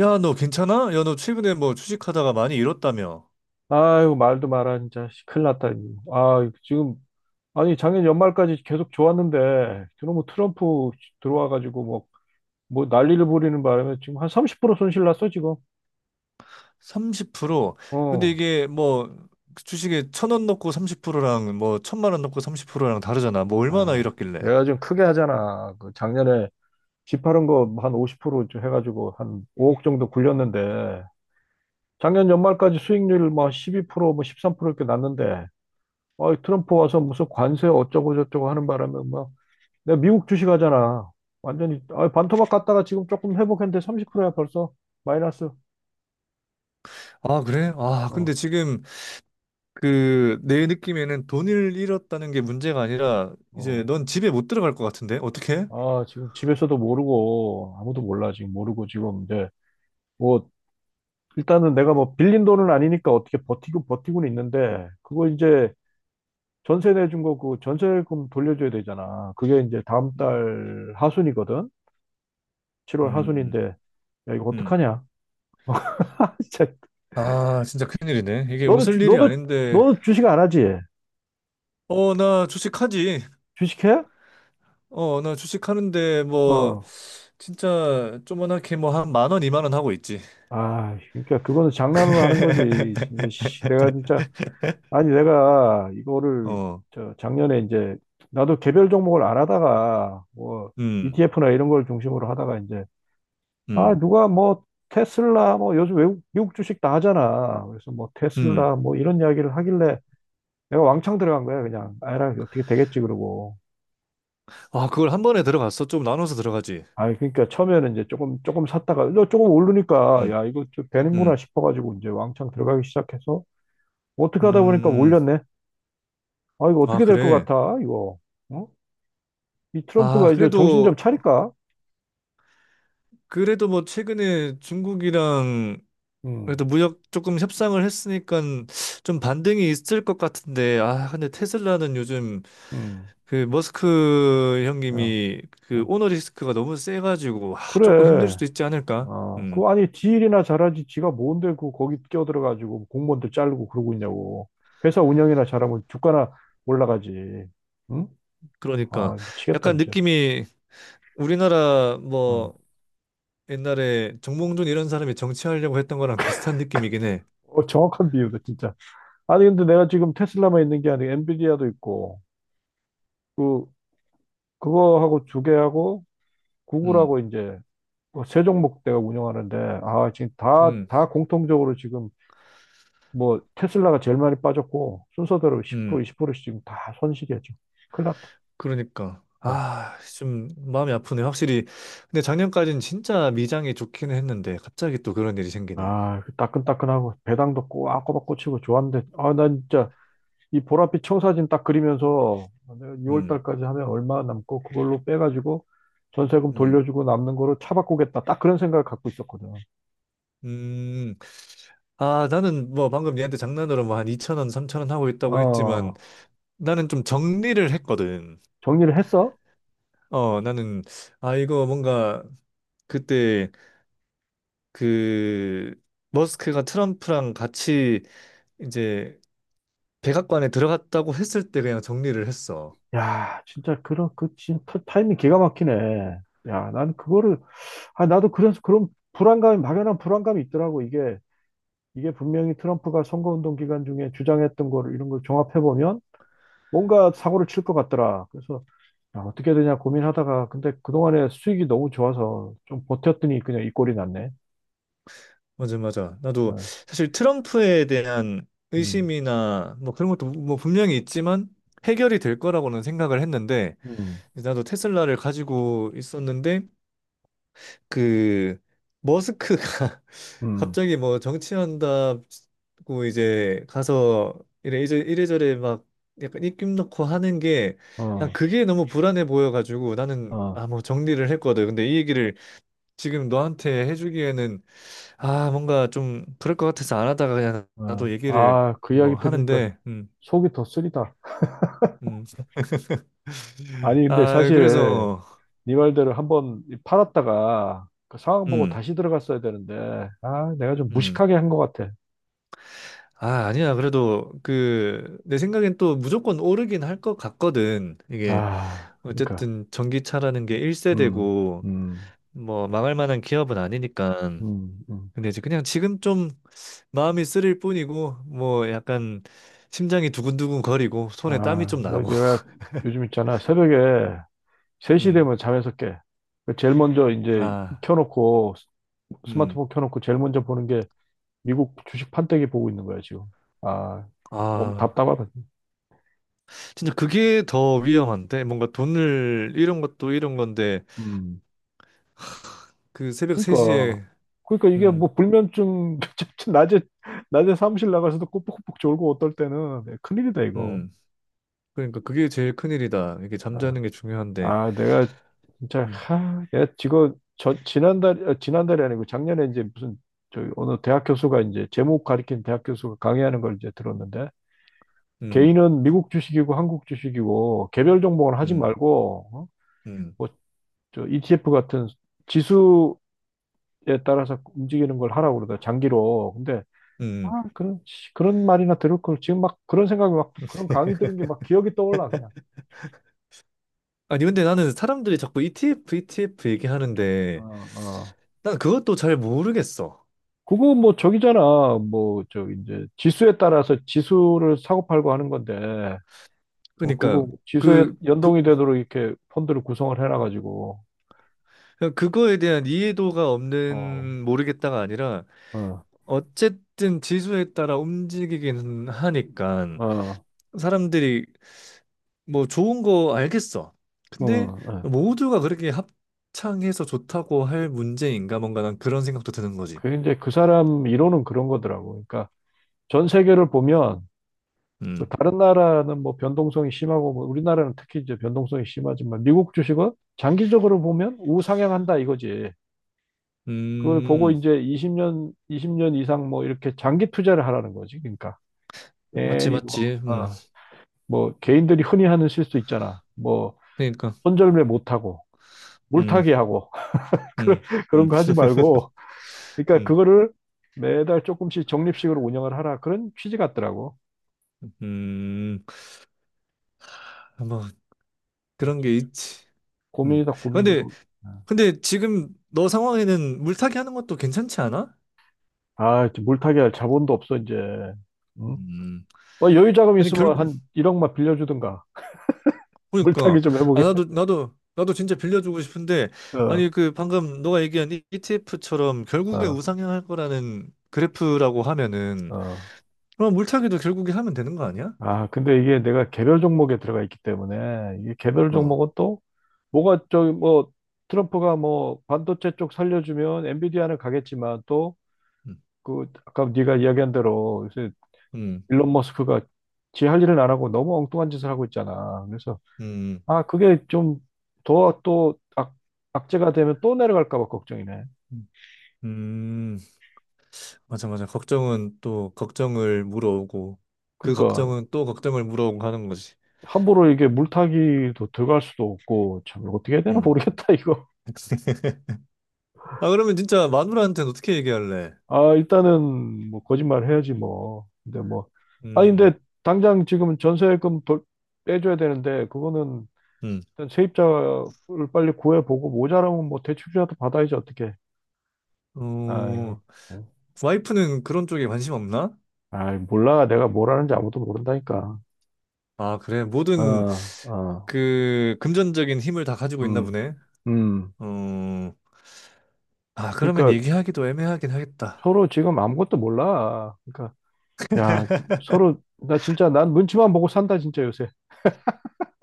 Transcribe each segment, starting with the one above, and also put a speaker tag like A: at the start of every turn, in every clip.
A: 야, 너 괜찮아? 야, 너 최근에 뭐 주식하다가 많이 잃었다며?
B: 아유, 말도 마라, 진짜. 씨, 큰일 났다. 이거. 아, 지금, 아니, 작년 연말까지 계속 좋았는데, 그놈의 트럼프 들어와가지고, 뭐, 난리를 부리는 바람에 지금 한 30% 손실 났어, 지금.
A: 30%? 근데
B: 어.
A: 이게 뭐 그 주식에 천원 넣고 30%랑 뭐 천만 원 넣고 30%랑 다르잖아. 뭐 얼마나
B: 아,
A: 잃었길래?
B: 내가 좀 크게 하잖아. 그 작년에 집파른 거 한 50%좀 해가지고 한 5억 정도 굴렸는데, 작년 연말까지 수익률 뭐 12%, 뭐 13% 이렇게 났는데, 어, 트럼프 와서 무슨 관세 어쩌고저쩌고 하는 바람에, 막, 내가 미국 주식 하잖아. 완전히 아, 반토막 갔다가 지금 조금 회복했는데 30%야 벌써 마이너스.
A: 아, 그래? 아,
B: 어,
A: 근데 지금 그 내 느낌에는 돈을 잃었다는 게 문제가 아니라 이제
B: 어.
A: 넌 집에 못 들어갈 것 같은데? 어떻게?
B: 아, 지금 집에서도 모르고 아무도 몰라 지금 모르고 지금 이제 뭐 일단은 내가 뭐 빌린 돈은 아니니까 어떻게 버티고 버티고는 있는데 그거 이제 전세 내준 거 그 전세금 돌려줘야 되잖아. 그게 이제 다음 달 하순이거든. 7월
A: 음,
B: 하순인데 야 이거
A: 음.
B: 어떡하냐? 진짜
A: 아, 진짜 큰일이네. 이게
B: 너는
A: 웃을 일이
B: 너도
A: 아닌데.
B: 주식 안 하지?
A: 어, 나 주식하지.
B: 주식해?
A: 어, 나 주식하는데, 뭐,
B: 어.
A: 진짜 조그맣게 뭐 한 만 원, 이만 원 하고 있지.
B: 아, 그러니까 그거는 장난으로 하는 거지. 이제 씨, 내가 진짜 아니 내가 이거를
A: 어,
B: 저 작년에 이제 나도 개별 종목을 안 하다가 뭐
A: 음,
B: ETF나 이런 걸 중심으로 하다가 이제 아
A: 음,
B: 누가 뭐 테슬라 뭐 요즘 외국 미국 주식 다 하잖아. 그래서 뭐
A: 음.
B: 테슬라 뭐 이런 이야기를 하길래 내가 왕창 들어간 거야 그냥. 아라 어떻게 되겠지 그러고.
A: 아, 그걸 한 번에 들어갔어? 좀 나눠서 들어가지.
B: 아 그러니까 처음에는 이제 조금 조금 샀다가 너 조금 오르니까
A: 음,
B: 야 이거 좀 되는구나
A: 음,
B: 싶어가지고 이제 왕창 들어가기 시작해서 어떻게 하다 보니까
A: 음.
B: 올렸네. 아, 이거
A: 아,
B: 어떻게 될 것
A: 그래.
B: 같아, 이거. 어? 이
A: 아,
B: 트럼프가 이제 정신 좀
A: 그래도,
B: 차릴까?
A: 그래도 뭐 최근에 중국이랑 그래도
B: 음,
A: 무역 조금 협상을 했으니까 좀 반등이 있을 것 같은데, 아, 근데 테슬라는 요즘
B: 음,
A: 그 머스크
B: 야,
A: 형님이 그
B: 뭐.
A: 오너리스크가 너무 세가지고, 아, 조금 힘들
B: 그래.
A: 수도 있지 않을까?
B: 아,
A: 음.
B: 그, 아니, 지 일이나 잘하지. 지가 뭔데, 그, 거기 끼어들어가지고 공무원들 자르고 그러고 있냐고. 회사 운영이나 잘하면 주가나 올라가지. 응?
A: 그러니까
B: 아, 미치겠다,
A: 약간
B: 진짜.
A: 느낌이 우리나라 뭐
B: 어,
A: 옛날에 정몽준 이런 사람이 정치하려고 했던 거랑 비슷한 느낌이긴 해.
B: 어, 정확한 비유다, 진짜. 아니, 근데 내가 지금 테슬라만 있는 게 아니고 엔비디아도 있고, 그, 그거하고 두 개하고
A: 음,
B: 구글하고 이제 뭐 세종목대가 운영하는데 아 지금
A: 음,
B: 다 공통적으로 지금 뭐 테슬라가 제일 많이 빠졌고 순서대로 10%
A: 음.
B: 20%씩 지금 다 손실이야 지금 큰일 났다.
A: 그러니까
B: 어.
A: 아, 좀 마음이 아프네. 확실히 근데 작년까지는 진짜 미장이 좋기는 했는데 갑자기 또 그런 일이 생기네.
B: 아, 그 따끈따끈하고 배당도 꼬박꼬박 꽂히고 좋았는데 아, 난 진짜 이 보랏빛 청사진 딱 그리면서 내가 2월
A: 음,
B: 달까지 하면 얼마 남고 그걸로 빼가지고 전세금
A: 음,
B: 돌려주고 남는 거로 차 바꾸겠다 딱 그런 생각을 갖고 있었거든.
A: 음. 아, 나는 뭐 방금 얘한테 장난으로 뭐 한 2천 원, 3천 원 하고 있다고 했지만
B: 어,
A: 나는 좀 정리를 했거든.
B: 정리를 했어?
A: 어, 나는 아 이거 뭔가 그때 그 머스크가 트럼프랑 같이 이제 백악관에 들어갔다고 했을 때 그냥 정리를 했어.
B: 야, 진짜 그런 그 진짜 타이밍 기가 막히네. 야, 나는 그거를 아 나도 그래서 그런 불안감이 막연한 불안감이 있더라고. 이게 분명히 트럼프가 선거운동 기간 중에 주장했던 거를 이런 걸 종합해 보면 뭔가 사고를 칠 것 같더라. 그래서 야, 어떻게 해야 되냐 고민하다가 근데 그동안에 수익이 너무 좋아서 좀 버텼더니 그냥 이 꼴이 났네.
A: 맞아, 맞아. 나도
B: 어,
A: 사실 트럼프에 대한
B: 음,
A: 의심이나 뭐 그런 것도 뭐 분명히 있지만 해결이 될 거라고는 생각을 했는데
B: 음,
A: 나도 테슬라를 가지고 있었는데 그 머스크가
B: 음,
A: 갑자기 뭐 정치한다고 이제 가서 이래 이제 이래저래 막 약간 입김 넣고 하는 게
B: 어,
A: 난 그게 너무 불안해 보여가지고 나는
B: 어,
A: 아 뭐 정리를 했거든. 근데 이 얘기를 지금 너한테 해주기에는 아 뭔가 좀 그럴 것 같아서 안 하다가 그냥
B: 어.
A: 나도 얘기를
B: 아, 그
A: 뭐
B: 이야기 들으니까
A: 하는데
B: 속이 더 쓰리다.
A: 음
B: 아니, 근데
A: 아 그래서
B: 사실
A: 어,
B: 네 말대로 한번 팔았다가 그 상황 보고
A: 음
B: 다시 들어갔어야 되는데, 아, 내가 좀
A: 음
B: 무식하게 한 것 같아.
A: 아, 아니야. 그래도 그 내 생각엔 또 무조건 오르긴 할 것 같거든. 이게
B: 아, 그러니까,
A: 어쨌든 전기차라는 게
B: 음,
A: 1세대고
B: 음,
A: 뭐 망할 만한 기업은 아니니까.
B: 음, 음.
A: 근데 이제 그냥 지금 좀 마음이 쓰릴 뿐이고 뭐 약간 심장이 두근두근 거리고 손에 땀이 좀
B: 아,
A: 나고.
B: 내가 요즘 있잖아. 새벽에 3시
A: 음.
B: 되면 잠에서 깨. 그 제일 먼저 이제
A: 아.
B: 켜놓고,
A: 음.
B: 스마트폰 켜놓고 제일 먼저 보는 게 미국 주식 판때기 보고 있는 거야, 지금. 아, 너무
A: 아.
B: 답답하다.
A: 진짜 그게 더 위험한데 뭔가 돈을 잃은 것도 잃은 건데
B: 음.
A: 그 새벽
B: 그러니까
A: 3시에
B: 그러니까 이게
A: 음.
B: 뭐 불면증 낮에 사무실 나가서도 꼬북꼬북 졸고 어떨 때는 네, 큰일이다 이거.
A: 음. 그러니까 그게 제일 큰일이다. 이게
B: 네.
A: 잠자는 게 중요한데.
B: 아 내가 진짜
A: 음,
B: 하, 야 지금 저 지난달 아, 지난달이 아니고 작년에 이제 무슨 저 어느 대학 교수가 이제 제목 가리킨 대학 교수가 강의하는 걸 이제 들었는데
A: 음,
B: 개인은 미국 주식이고 한국 주식이고 개별 종목은 하지
A: 음,
B: 말고
A: 음,
B: 뭐저 ETF 같은 지수에 따라서 움직이는 걸 하라고 그러다 장기로. 근데 아,
A: 음.
B: 그런, 씨, 그런 말이나 들을 걸. 지금 막 그런 생각이 막, 그런 강의 들은 게 막 기억이 떠올라, 그냥.
A: 아니, 근데 나는 사람들이 자꾸 ETF, ETF
B: 어,
A: 얘기하는데,
B: 어.
A: 난 그것도 잘 모르겠어.
B: 그거 뭐 저기잖아. 뭐, 저, 이제 지수에 따라서 지수를 사고팔고 하는 건데, 뭐,
A: 그러니까,
B: 그거 지수에
A: 그, 그,
B: 연동이 되도록 이렇게 펀드를 구성을 해놔가지고,
A: 그냥 그거에 대한 이해도가
B: 어,
A: 없는 모르겠다가 아니라,
B: 어,
A: 어쨌든 지수에 따라 움직이기는 하니까,
B: 어,
A: 사람들이 뭐 좋은 거 알겠어.
B: 어,
A: 근데
B: 어.
A: 모두가 그렇게 합창해서 좋다고 할 문제인가 뭔가 난 그런 생각도 드는 거지.
B: 그 이제 그 사람 이론은 그런 거더라고. 그러니까 전 세계를 보면, 그
A: 음,
B: 다른 나라는 뭐 변동성이 심하고 뭐 우리나라는 특히 이제 변동성이 심하지만 미국 주식은 장기적으로 보면 우상향한다 이거지. 그걸 보고
A: 음,
B: 이제 20년, 20년 이상 뭐 이렇게 장기 투자를 하라는 거지. 그러니까
A: 맞지,
B: 괜히 뭐,
A: 맞지.
B: 어, 뭐 개인들이 흔히 하는 실수 있잖아. 뭐
A: 그러니까,
B: 손절매 못하고
A: 음,
B: 물타기 하고 그런
A: 음,
B: 그런
A: 음,
B: 거 하지 말고. 그러니까
A: 음,
B: 그거를 매달 조금씩 적립식으로 운영을 하라 그런 취지 같더라고.
A: 음, 뭐
B: 근데
A: 그런 게
B: 진짜
A: 있지. 음.
B: 고민이다
A: 아, 근데,
B: 고민이고.
A: 근데 지금 너 상황에는 물타기 하는 것도 괜찮지 않아?
B: 아, 이제 물타기 할 자본도 없어, 이제. 응?
A: 음.
B: 뭐 여유 자금
A: 아니 결,
B: 있으면 한 1억만 빌려주든가. 물타기
A: 그러니까
B: 좀
A: 아
B: 해보게.
A: 나도 진짜 빌려주고 싶은데 아니
B: 어,
A: 그 방금 너가 얘기한 ETF처럼 결국에
B: 어,
A: 우상향할 거라는 그래프라고 하면은
B: 어.
A: 그럼 물타기도 결국에 하면 되는 거 아니야?
B: 아, 근데 이게 내가 개별 종목에 들어가 있기 때문에, 이게 개별
A: 어.
B: 종목은 또, 뭐가 저기 뭐, 트럼프가 뭐, 반도체 쪽 살려주면 엔비디아는 가겠지만, 또,
A: 음.
B: 그, 아까 네가 이야기한 대로, 요새
A: 음.
B: 일론 머스크가 지 할 일은 안 하고 너무 엉뚱한 짓을 하고 있잖아. 그래서,
A: 음.
B: 아, 그게 좀 더 또, 악재가 되면 또 내려갈까 봐 걱정이네.
A: 음. 음. 맞아 맞아. 걱정은 또 걱정을 물어오고 그
B: 그러니까
A: 걱정은 또 걱정을 물어오고 하는 거지.
B: 함부로 이게 물타기도 들어갈 수도 없고 참 어떻게 해야 되나
A: 음.
B: 모르겠다 이거.
A: 아 그러면 진짜 마누라한테는 어떻게 얘기할래?
B: 아 일단은 뭐 거짓말 해야지 뭐. 근데 뭐 아니
A: 음.
B: 근데 당장 지금 전세금 빼줘야 되는데 그거는
A: 음.
B: 일단 세입자를 빨리 구해보고 모자라면 뭐 대출이라도 받아야지 어떻게.
A: 어.
B: 아유,
A: 와이프는 그런 쪽에 관심 없나?
B: 아 몰라 내가 뭘 하는지 아무도 모른다니까.
A: 아, 그래. 모든
B: 어, 어,
A: 그 금전적인 힘을 다 가지고 있나
B: 음,
A: 보네.
B: 음.
A: 어, 아, 그러면
B: 그러니까
A: 얘기하기도 애매하긴 하겠다.
B: 서로 지금 아무것도 몰라. 그러니까 야, 서로, 나 진짜, 난 눈치만 보고 산다, 진짜, 요새.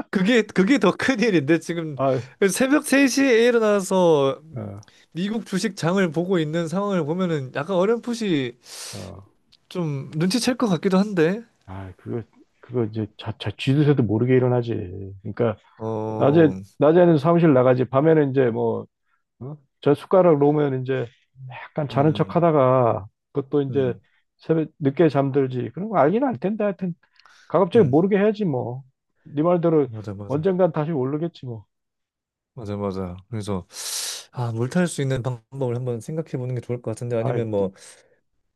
A: 그게, 그게 더 큰일인데, 지금
B: 아
A: 새벽 3시에 일어나서
B: 어,
A: 미국 주식 장을 보고 있는 상황을 보면은 약간 어렴풋이
B: 어.
A: 좀 눈치챌 것 같기도 한데,
B: 아, 그거, 이제, 자, 쥐도새도 모르게 일어나지. 그러니까, 낮에,
A: 어,
B: 낮에는 사무실 나가지, 밤에는 이제 뭐, 어? 저 숟가락 놓으면 이제, 약간 자는 척
A: 음,
B: 하다가, 그것도 이제,
A: 음,
B: 새벽, 늦게 잠들지. 그런 거 알긴 알 텐데, 하여튼, 가급적이
A: 음,
B: 모르게 해야지, 뭐. 네 말대로,
A: 맞아, 맞아.
B: 언젠간 다시 오르겠지, 뭐.
A: 맞아, 맞아. 그래서, 아, 물탈 수 있는 방법을 한번 생각해 보는 게 좋을 것 같은데,
B: 아,
A: 아니면 뭐,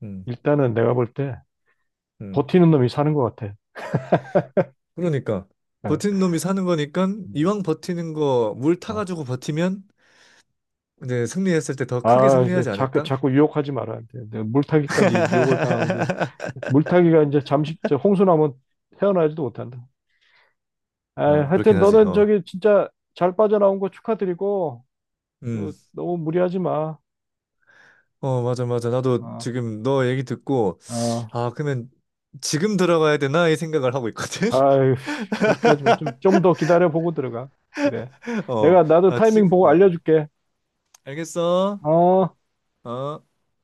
A: 음,
B: 일단은 내가 볼 때,
A: 음.
B: 버티는 놈이 사는 것 같아.
A: 그러니까 버티는
B: 예.
A: 놈이 사는 거니까
B: 음.
A: 이왕 버티는 거 물
B: 어.
A: 타가지고 버티면 이제 승리했을 때 더 크게
B: 아, 이제
A: 승리하지
B: 자꾸,
A: 않을까?
B: 자꾸 유혹하지 말아야 돼. 내가 물타기까지 유혹을 당하면 돼. 물타기가 이제 잠시, 저 홍수나면 헤어나지도 못한다. 아,
A: 아,
B: 하여튼
A: 그렇긴 하지.
B: 너는
A: 어.
B: 저기 진짜 잘 빠져나온 거 축하드리고,
A: 음.
B: 그, 너무 무리하지 마.
A: 어, 맞아, 맞아. 나도
B: 어,
A: 지금 너 얘기 듣고,
B: 어,
A: 아, 그러면 지금 들어가야 되나? 이 생각을 하고 있거든?
B: 아유, 씨, 그렇게 하지 마. 좀 더 기다려보고 들어가. 그래.
A: 어.
B: 나도
A: 아,
B: 타이밍
A: 지금,
B: 보고
A: 어.
B: 알려줄게.
A: 알겠어?
B: 어.
A: 어.